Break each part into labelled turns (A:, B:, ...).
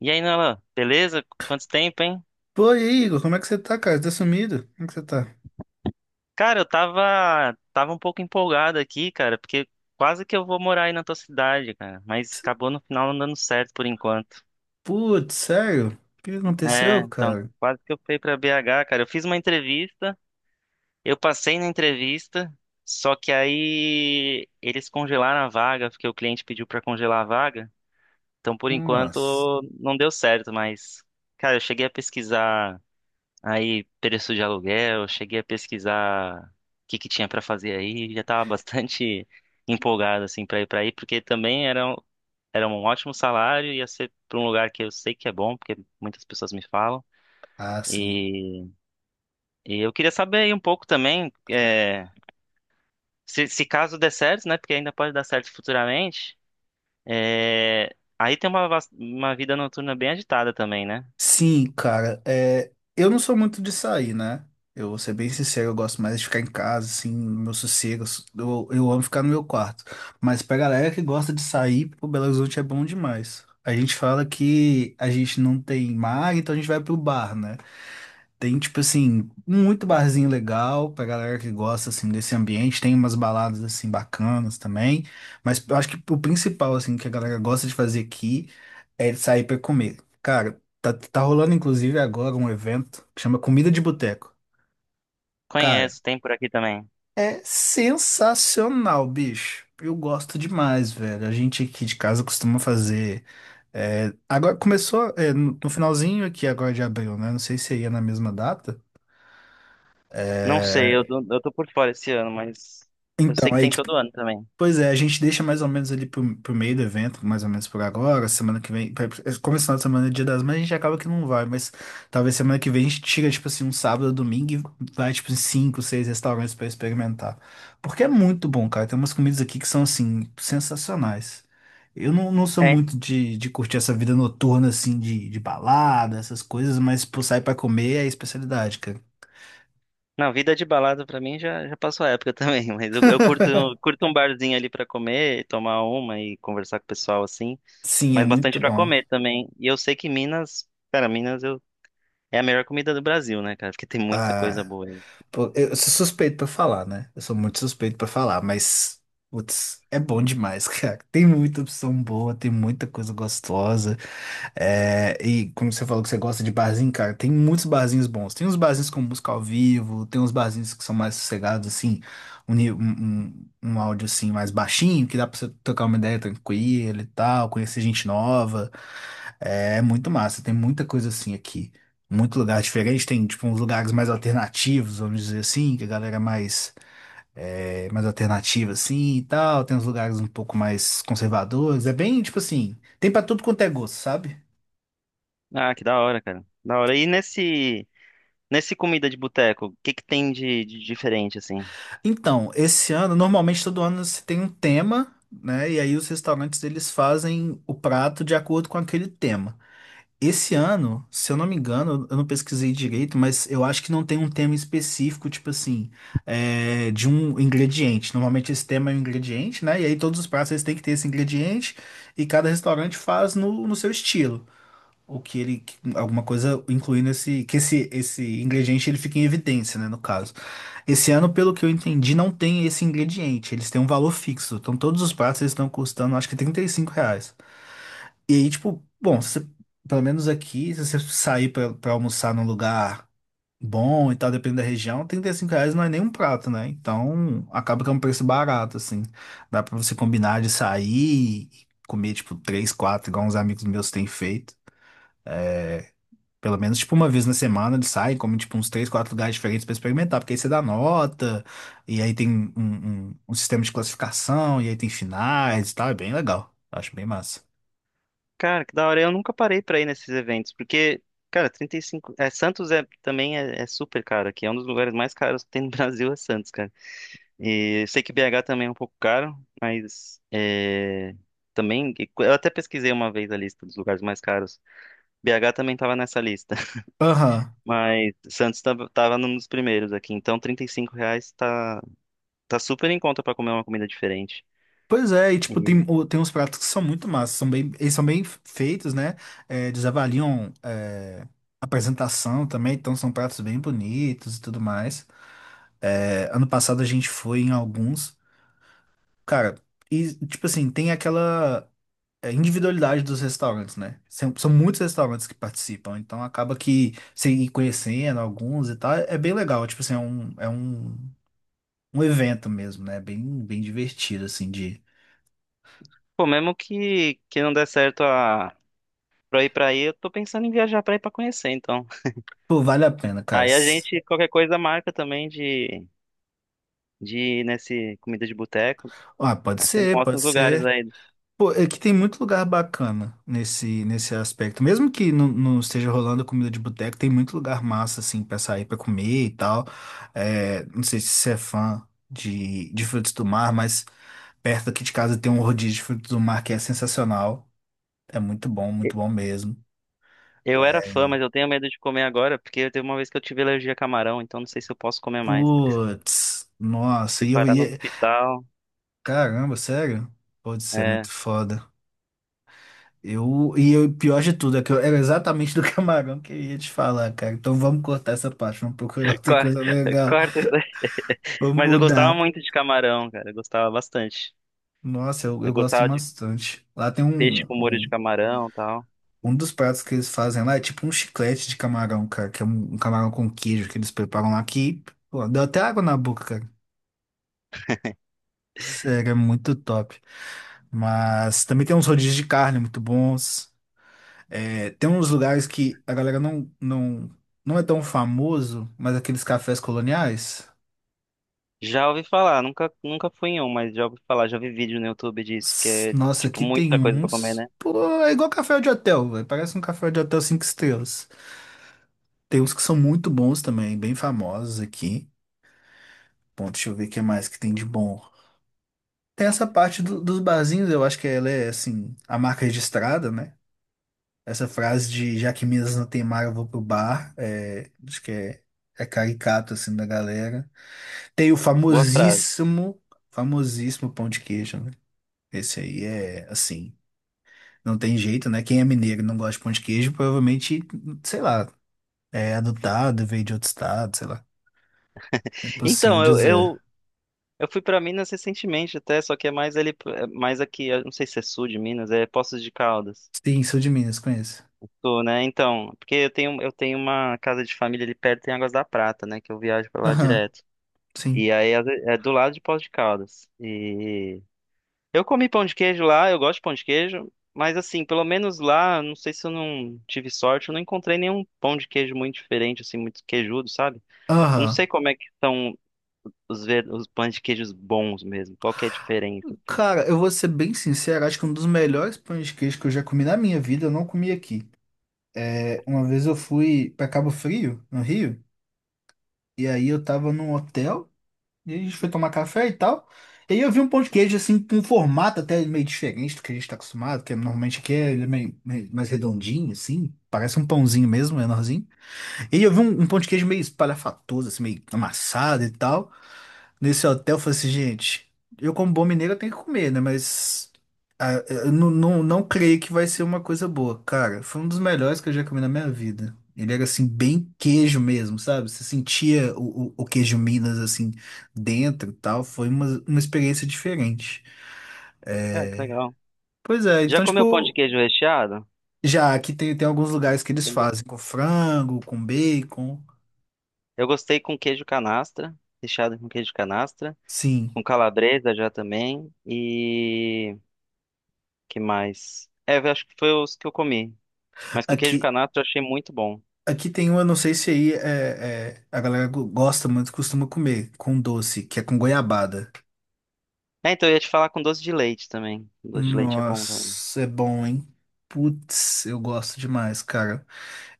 A: E aí, Nolan, beleza? Quanto tempo, hein?
B: Pô, e aí, Igor, como é que você tá, cara? Você tá sumido? Como é que você tá?
A: Cara, eu tava um pouco empolgado aqui, cara, porque quase que eu vou morar aí na tua cidade, cara, mas acabou no final não dando certo por enquanto.
B: Putz, sério? O que que
A: É,
B: aconteceu,
A: então,
B: cara?
A: quase que eu fui pra BH, cara. Eu fiz uma entrevista, eu passei na entrevista, só que aí eles congelaram a vaga, porque o cliente pediu pra congelar a vaga. Então, por enquanto,
B: Nossa.
A: não deu certo, mas, cara, eu cheguei a pesquisar aí, preço de aluguel, cheguei a pesquisar o que que tinha pra fazer aí, já tava bastante empolgado assim pra ir pra aí, porque também era um ótimo salário, ia ser pra um lugar que eu sei que é bom, porque muitas pessoas me falam.
B: Ah, sim.
A: E, e eu queria saber aí um pouco também, é, se caso der certo, né, porque ainda pode dar certo futuramente, é, aí tem uma vida noturna bem agitada também, né?
B: Sim, cara, eu não sou muito de sair, né? Eu vou ser bem sincero, eu gosto mais de ficar em casa, assim, no meu sossego. Eu amo ficar no meu quarto. Mas pra galera que gosta de sair, o Belo Horizonte é bom demais. A gente fala que a gente não tem mar, então a gente vai pro bar, né? Tem, tipo assim, muito barzinho legal pra galera que gosta, assim, desse ambiente. Tem umas baladas, assim, bacanas também. Mas eu acho que o principal, assim, que a galera gosta de fazer aqui é sair pra comer. Cara, tá rolando, inclusive, agora um evento que chama Comida de Boteco. Cara,
A: Conheço, tem por aqui também.
B: é sensacional, bicho. Eu gosto demais, velho. A gente aqui de casa costuma fazer. Agora começou, no finalzinho aqui agora de abril, né? Não sei se ia na mesma data.
A: Não sei,
B: É,
A: eu tô por fora esse ano, mas eu
B: então,
A: sei que
B: aí,
A: tem todo ano também.
B: pois é, a gente deixa mais ou menos ali pro meio do evento, mais ou menos por agora, semana que vem, como esse final de semana é dia das mães, a gente acaba que não vai, mas talvez semana que vem a gente tira, tipo assim, um sábado, domingo e vai, tipo, em cinco, seis restaurantes pra experimentar. Porque é muito bom, cara, tem umas comidas aqui que são, assim, sensacionais. Eu não sou
A: É,
B: muito de curtir essa vida noturna, assim, de balada, essas coisas, mas, pô, sair pra comer é a especialidade, cara.
A: não, vida de balada pra mim já passou a época também, mas eu curto um barzinho ali pra comer, tomar uma e conversar com o pessoal assim,
B: Sim, é
A: mas bastante
B: muito
A: pra
B: bom.
A: comer também. E eu sei que Minas, cara, Minas eu, é a melhor comida do Brasil, né, cara? Porque tem muita coisa
B: Ah,
A: boa aí.
B: pô, eu sou suspeito pra falar, né? Eu sou muito suspeito pra falar, mas putz, é bom demais, cara. Tem muita opção boa, tem muita coisa gostosa. É, e como você falou que você gosta de barzinho, cara, tem muitos barzinhos bons. Tem uns barzinhos com música ao vivo, tem uns barzinhos que são mais sossegados, assim, um áudio assim mais baixinho, que dá pra você tocar uma ideia tranquila e tal, conhecer gente nova. É muito massa, tem muita coisa assim aqui muito lugar diferente. Tem, tipo, uns lugares mais alternativos, vamos dizer assim, que a galera é mais alternativa, assim, e tal. Tem uns lugares um pouco mais conservadores. É bem, tipo assim, tem pra tudo quanto é gosto, sabe?
A: Ah, que da hora, cara. Da hora. E nesse comida de boteco, o que que tem de diferente assim?
B: Então, esse ano, normalmente todo ano você tem um tema, né? E aí os restaurantes, eles fazem o prato de acordo com aquele tema. Esse ano, se eu não me engano, eu não pesquisei direito, mas eu acho que não tem um tema específico, tipo assim, de um ingrediente. Normalmente esse tema é um ingrediente, né? E aí todos os pratos eles têm que ter esse ingrediente e cada restaurante faz no seu estilo. O que ele, que- Alguma coisa incluindo esse, que esse ingrediente ele fica em evidência, né, no caso. Esse ano, pelo que eu entendi, não tem esse ingrediente. Eles têm um valor fixo. Então todos os pratos eles estão custando, acho que R$ 35. E aí, tipo, bom, se você- pelo menos aqui, se você sair pra almoçar num lugar bom e tal, dependendo da região, R$ 35 não é nem um prato, né? Então, acaba que é um preço barato, assim. Dá pra você combinar de sair e comer, tipo, três, quatro, igual uns amigos meus têm feito. Pelo menos, tipo, uma vez na semana eles saem, comem, tipo, uns três, quatro lugares diferentes pra experimentar, porque aí você dá nota, e aí tem um sistema de classificação, e aí tem finais e tal, é bem legal. Acho bem massa.
A: Cara, que da hora. Eu nunca parei pra ir nesses eventos, porque, cara, 35. É, Santos é, também é, é super caro aqui. É um dos lugares mais caros que tem no Brasil, é Santos, cara. E eu sei que BH também é um pouco caro, mas é, também. Eu até pesquisei uma vez a lista dos lugares mais caros. BH também tava nessa lista,
B: Aham.
A: mas Santos tava, tava num dos primeiros aqui. Então, R$ 35 tá super em conta pra comer uma comida diferente.
B: Pois é, e tipo, tem,
A: E,
B: o- tem uns pratos que são muito massas, são bem, eles são bem feitos, né? É, eles avaliam a apresentação também, então são pratos bem bonitos e tudo mais. É, ano passado a gente foi em alguns, cara, e tipo assim, tem aquela individualidade dos restaurantes, né? São muitos restaurantes que participam, então acaba que você ir conhecendo alguns e tal, é bem legal, tipo assim, é um evento mesmo, né? Bem, bem divertido, assim, de.
A: pô, mesmo que não dê certo pra eu ir pra aí, eu tô pensando em viajar pra ir pra conhecer, então.
B: Pô, vale a pena, cara.
A: Aí a gente, qualquer coisa, marca também de ir nesse comida de boteco.
B: Ah, pode
A: Aí você me
B: ser,
A: mostra
B: pode
A: os lugares
B: ser.
A: aí.
B: Pô, é que tem muito lugar bacana nesse aspecto. Mesmo que não esteja rolando comida de boteco, tem muito lugar massa, assim, pra sair, pra comer e tal. É, não sei se você é fã de frutos do mar, mas perto aqui de casa tem um rodízio de frutos do mar que é sensacional. É
A: E-
B: muito bom mesmo.
A: eu era fã, mas eu tenho medo de comer agora, porque teve uma vez que eu tive alergia a camarão, então não sei se eu posso comer mais.
B: Putz, nossa,
A: Fui
B: e eu
A: parar no
B: ia.
A: hospital.
B: Caramba, sério? Putz, isso é muito
A: É,
B: foda. E o pior de tudo é que eu era exatamente do camarão que eu ia te falar, cara. Então vamos cortar essa parte, vamos procurar outra
A: cor-
B: coisa legal,
A: corta isso aí.
B: vamos
A: Mas eu gostava
B: mudar.
A: muito de camarão, cara. Eu gostava bastante.
B: Nossa, eu
A: Eu
B: gosto
A: gostava de
B: bastante. Lá tem um,
A: peixe com molho de
B: um,
A: camarão e tal.
B: um dos pratos que eles fazem lá, é tipo um chiclete de camarão, cara, que é um camarão com queijo que eles preparam lá que, pô, deu até água na boca, cara. Sério, é muito top. Mas também tem uns rodízios de carne muito bons. É, tem uns lugares que a galera não é tão famoso, mas aqueles cafés coloniais.
A: Já ouvi falar, nunca fui em um, mas já ouvi falar, já vi vídeo no YouTube disso, que é,
B: Nossa,
A: tipo,
B: aqui tem
A: muita coisa pra comer,
B: uns.
A: né?
B: Pô, é igual café de hotel, velho. Parece um café de hotel cinco estrelas. Tem uns que são muito bons também, bem famosos aqui. Bom, deixa eu ver o que mais que tem de bom. Tem essa parte dos barzinhos, eu acho que ela é, assim, a marca registrada, né? Essa frase de já que Minas não tem mar, eu vou pro bar. É, acho que é caricato, assim, da galera. Tem o
A: Boa frase.
B: famosíssimo, famosíssimo pão de queijo, né? Esse aí é assim, não tem jeito, né? Quem é mineiro e não gosta de pão de queijo, provavelmente, sei lá, é adotado, veio de outro estado, sei lá. É impossível
A: Então,
B: dizer.
A: eu fui pra Minas recentemente até, só que é mais ali, é mais aqui, eu não sei se é sul de Minas, é Poços de Caldas.
B: Sim, sou de Minas, conheço.
A: Sul, né? Então, porque eu tenho uma casa de família ali perto em Águas da Prata, né? Que eu viajo pra lá
B: Aham,
A: direto.
B: sim.
A: E aí é do lado de Poços de Caldas. E eu comi pão de queijo lá, eu gosto de pão de queijo, mas assim, pelo menos lá, não sei se eu não tive sorte, eu não encontrei nenhum pão de queijo muito diferente, assim, muito queijudo, sabe? Eu não sei
B: Aham.
A: como é que são os, ver... os pães de queijos bons mesmo, qual que é a diferença, assim.
B: Cara, eu vou ser bem sincero, acho que um dos melhores pães de queijo que eu já comi na minha vida, eu não comi aqui. É, uma vez eu fui pra Cabo Frio, no Rio, e aí eu tava num hotel. E a gente foi tomar café e tal. E aí eu vi um pão de queijo, assim, com um formato até meio diferente do que a gente está acostumado, normalmente aqui é ele é meio mais redondinho, assim. Parece um pãozinho mesmo, menorzinho. E eu vi um pão de queijo meio espalhafatoso, assim, meio amassado e tal. Nesse hotel, eu falei assim, gente, eu como bom mineiro eu tenho que comer, né? Mas eu não creio que vai ser uma coisa boa. Cara, foi um dos melhores que eu já comi na minha vida. Ele era, assim, bem queijo mesmo, sabe? Você sentia o queijo Minas, assim, dentro e tal. Foi uma experiência diferente.
A: Cara, que
B: É,
A: legal.
B: pois é,
A: Já
B: então,
A: comeu pão de
B: tipo,
A: queijo recheado?
B: já aqui tem alguns lugares que eles
A: Tem ba-
B: fazem com frango, com bacon.
A: eu gostei com queijo canastra, recheado com queijo canastra,
B: Sim.
A: com calabresa já também, e... que mais? É, eu acho que foi os que eu comi, mas com queijo
B: Aqui,
A: canastra eu achei muito bom.
B: aqui tem um, eu não sei se aí a galera gosta muito, costuma comer com doce, que é com goiabada.
A: É, então eu ia te falar com doce de leite também. Doce de leite é bom também.
B: Nossa, é bom, hein? Putz, eu gosto demais, cara.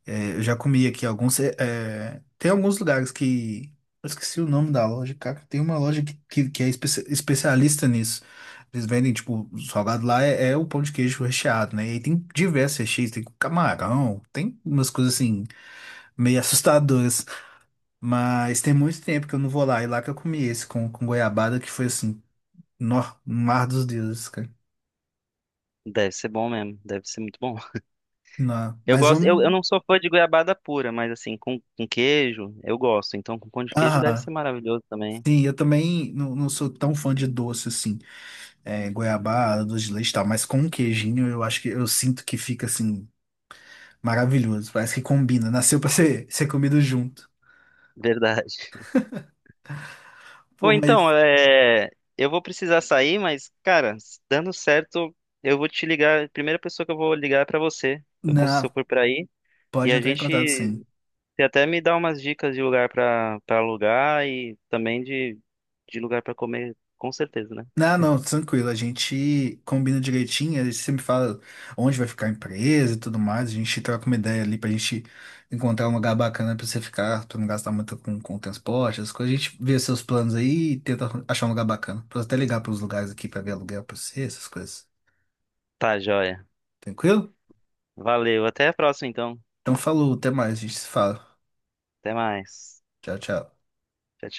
B: É, eu já comi aqui alguns. Tem alguns lugares que. Eu esqueci o nome da loja, cara. Tem uma loja que é especialista nisso. Eles vendem, tipo, o salgado lá é o pão de queijo recheado, né? E aí tem diversos recheios, tem com camarão, tem umas coisas assim, meio assustadoras. Mas tem muito tempo que eu não vou lá. E lá que eu comi esse com goiabada, que foi assim, no, no mar dos deuses, cara.
A: Deve ser bom mesmo, deve ser muito bom.
B: Não.
A: Eu
B: Mas
A: gosto,
B: vamos.
A: eu não sou fã de goiabada pura, mas assim, com queijo, eu gosto. Então com pão de queijo deve
B: Aham.
A: ser maravilhoso também.
B: Sim, eu também não sou tão fã de doce assim, goiabada, doce de leite e tal, mas com um queijinho eu acho que eu sinto que fica assim, maravilhoso. Parece que combina, nasceu pra ser, ser comido junto.
A: Verdade.
B: Pô,
A: Bom, então,
B: mas
A: é, eu vou precisar sair, mas, cara, dando certo, eu vou te ligar. A primeira pessoa que eu vou ligar é pra você, se eu cons- se eu
B: na,
A: for por aí. E
B: pode
A: a
B: entrar em
A: gente
B: contato sim.
A: você até me dá umas dicas de lugar pra, pra alugar e também de lugar pra comer, com certeza, né?
B: Não, não, tranquilo. A gente combina direitinho. Aí você me fala onde vai ficar a empresa e tudo mais. A gente troca uma ideia ali pra gente encontrar um lugar bacana pra você ficar, pra não gastar muito com transporte, as coisas. A gente vê seus planos aí e tenta achar um lugar bacana. Posso até ligar pros lugares aqui pra ver aluguel pra você, essas coisas.
A: Tá, joia.
B: Tranquilo?
A: Valeu. Até a próxima, então.
B: Então falou, até mais. A gente se fala.
A: Até mais.
B: Tchau, tchau.
A: Tchau, tchau.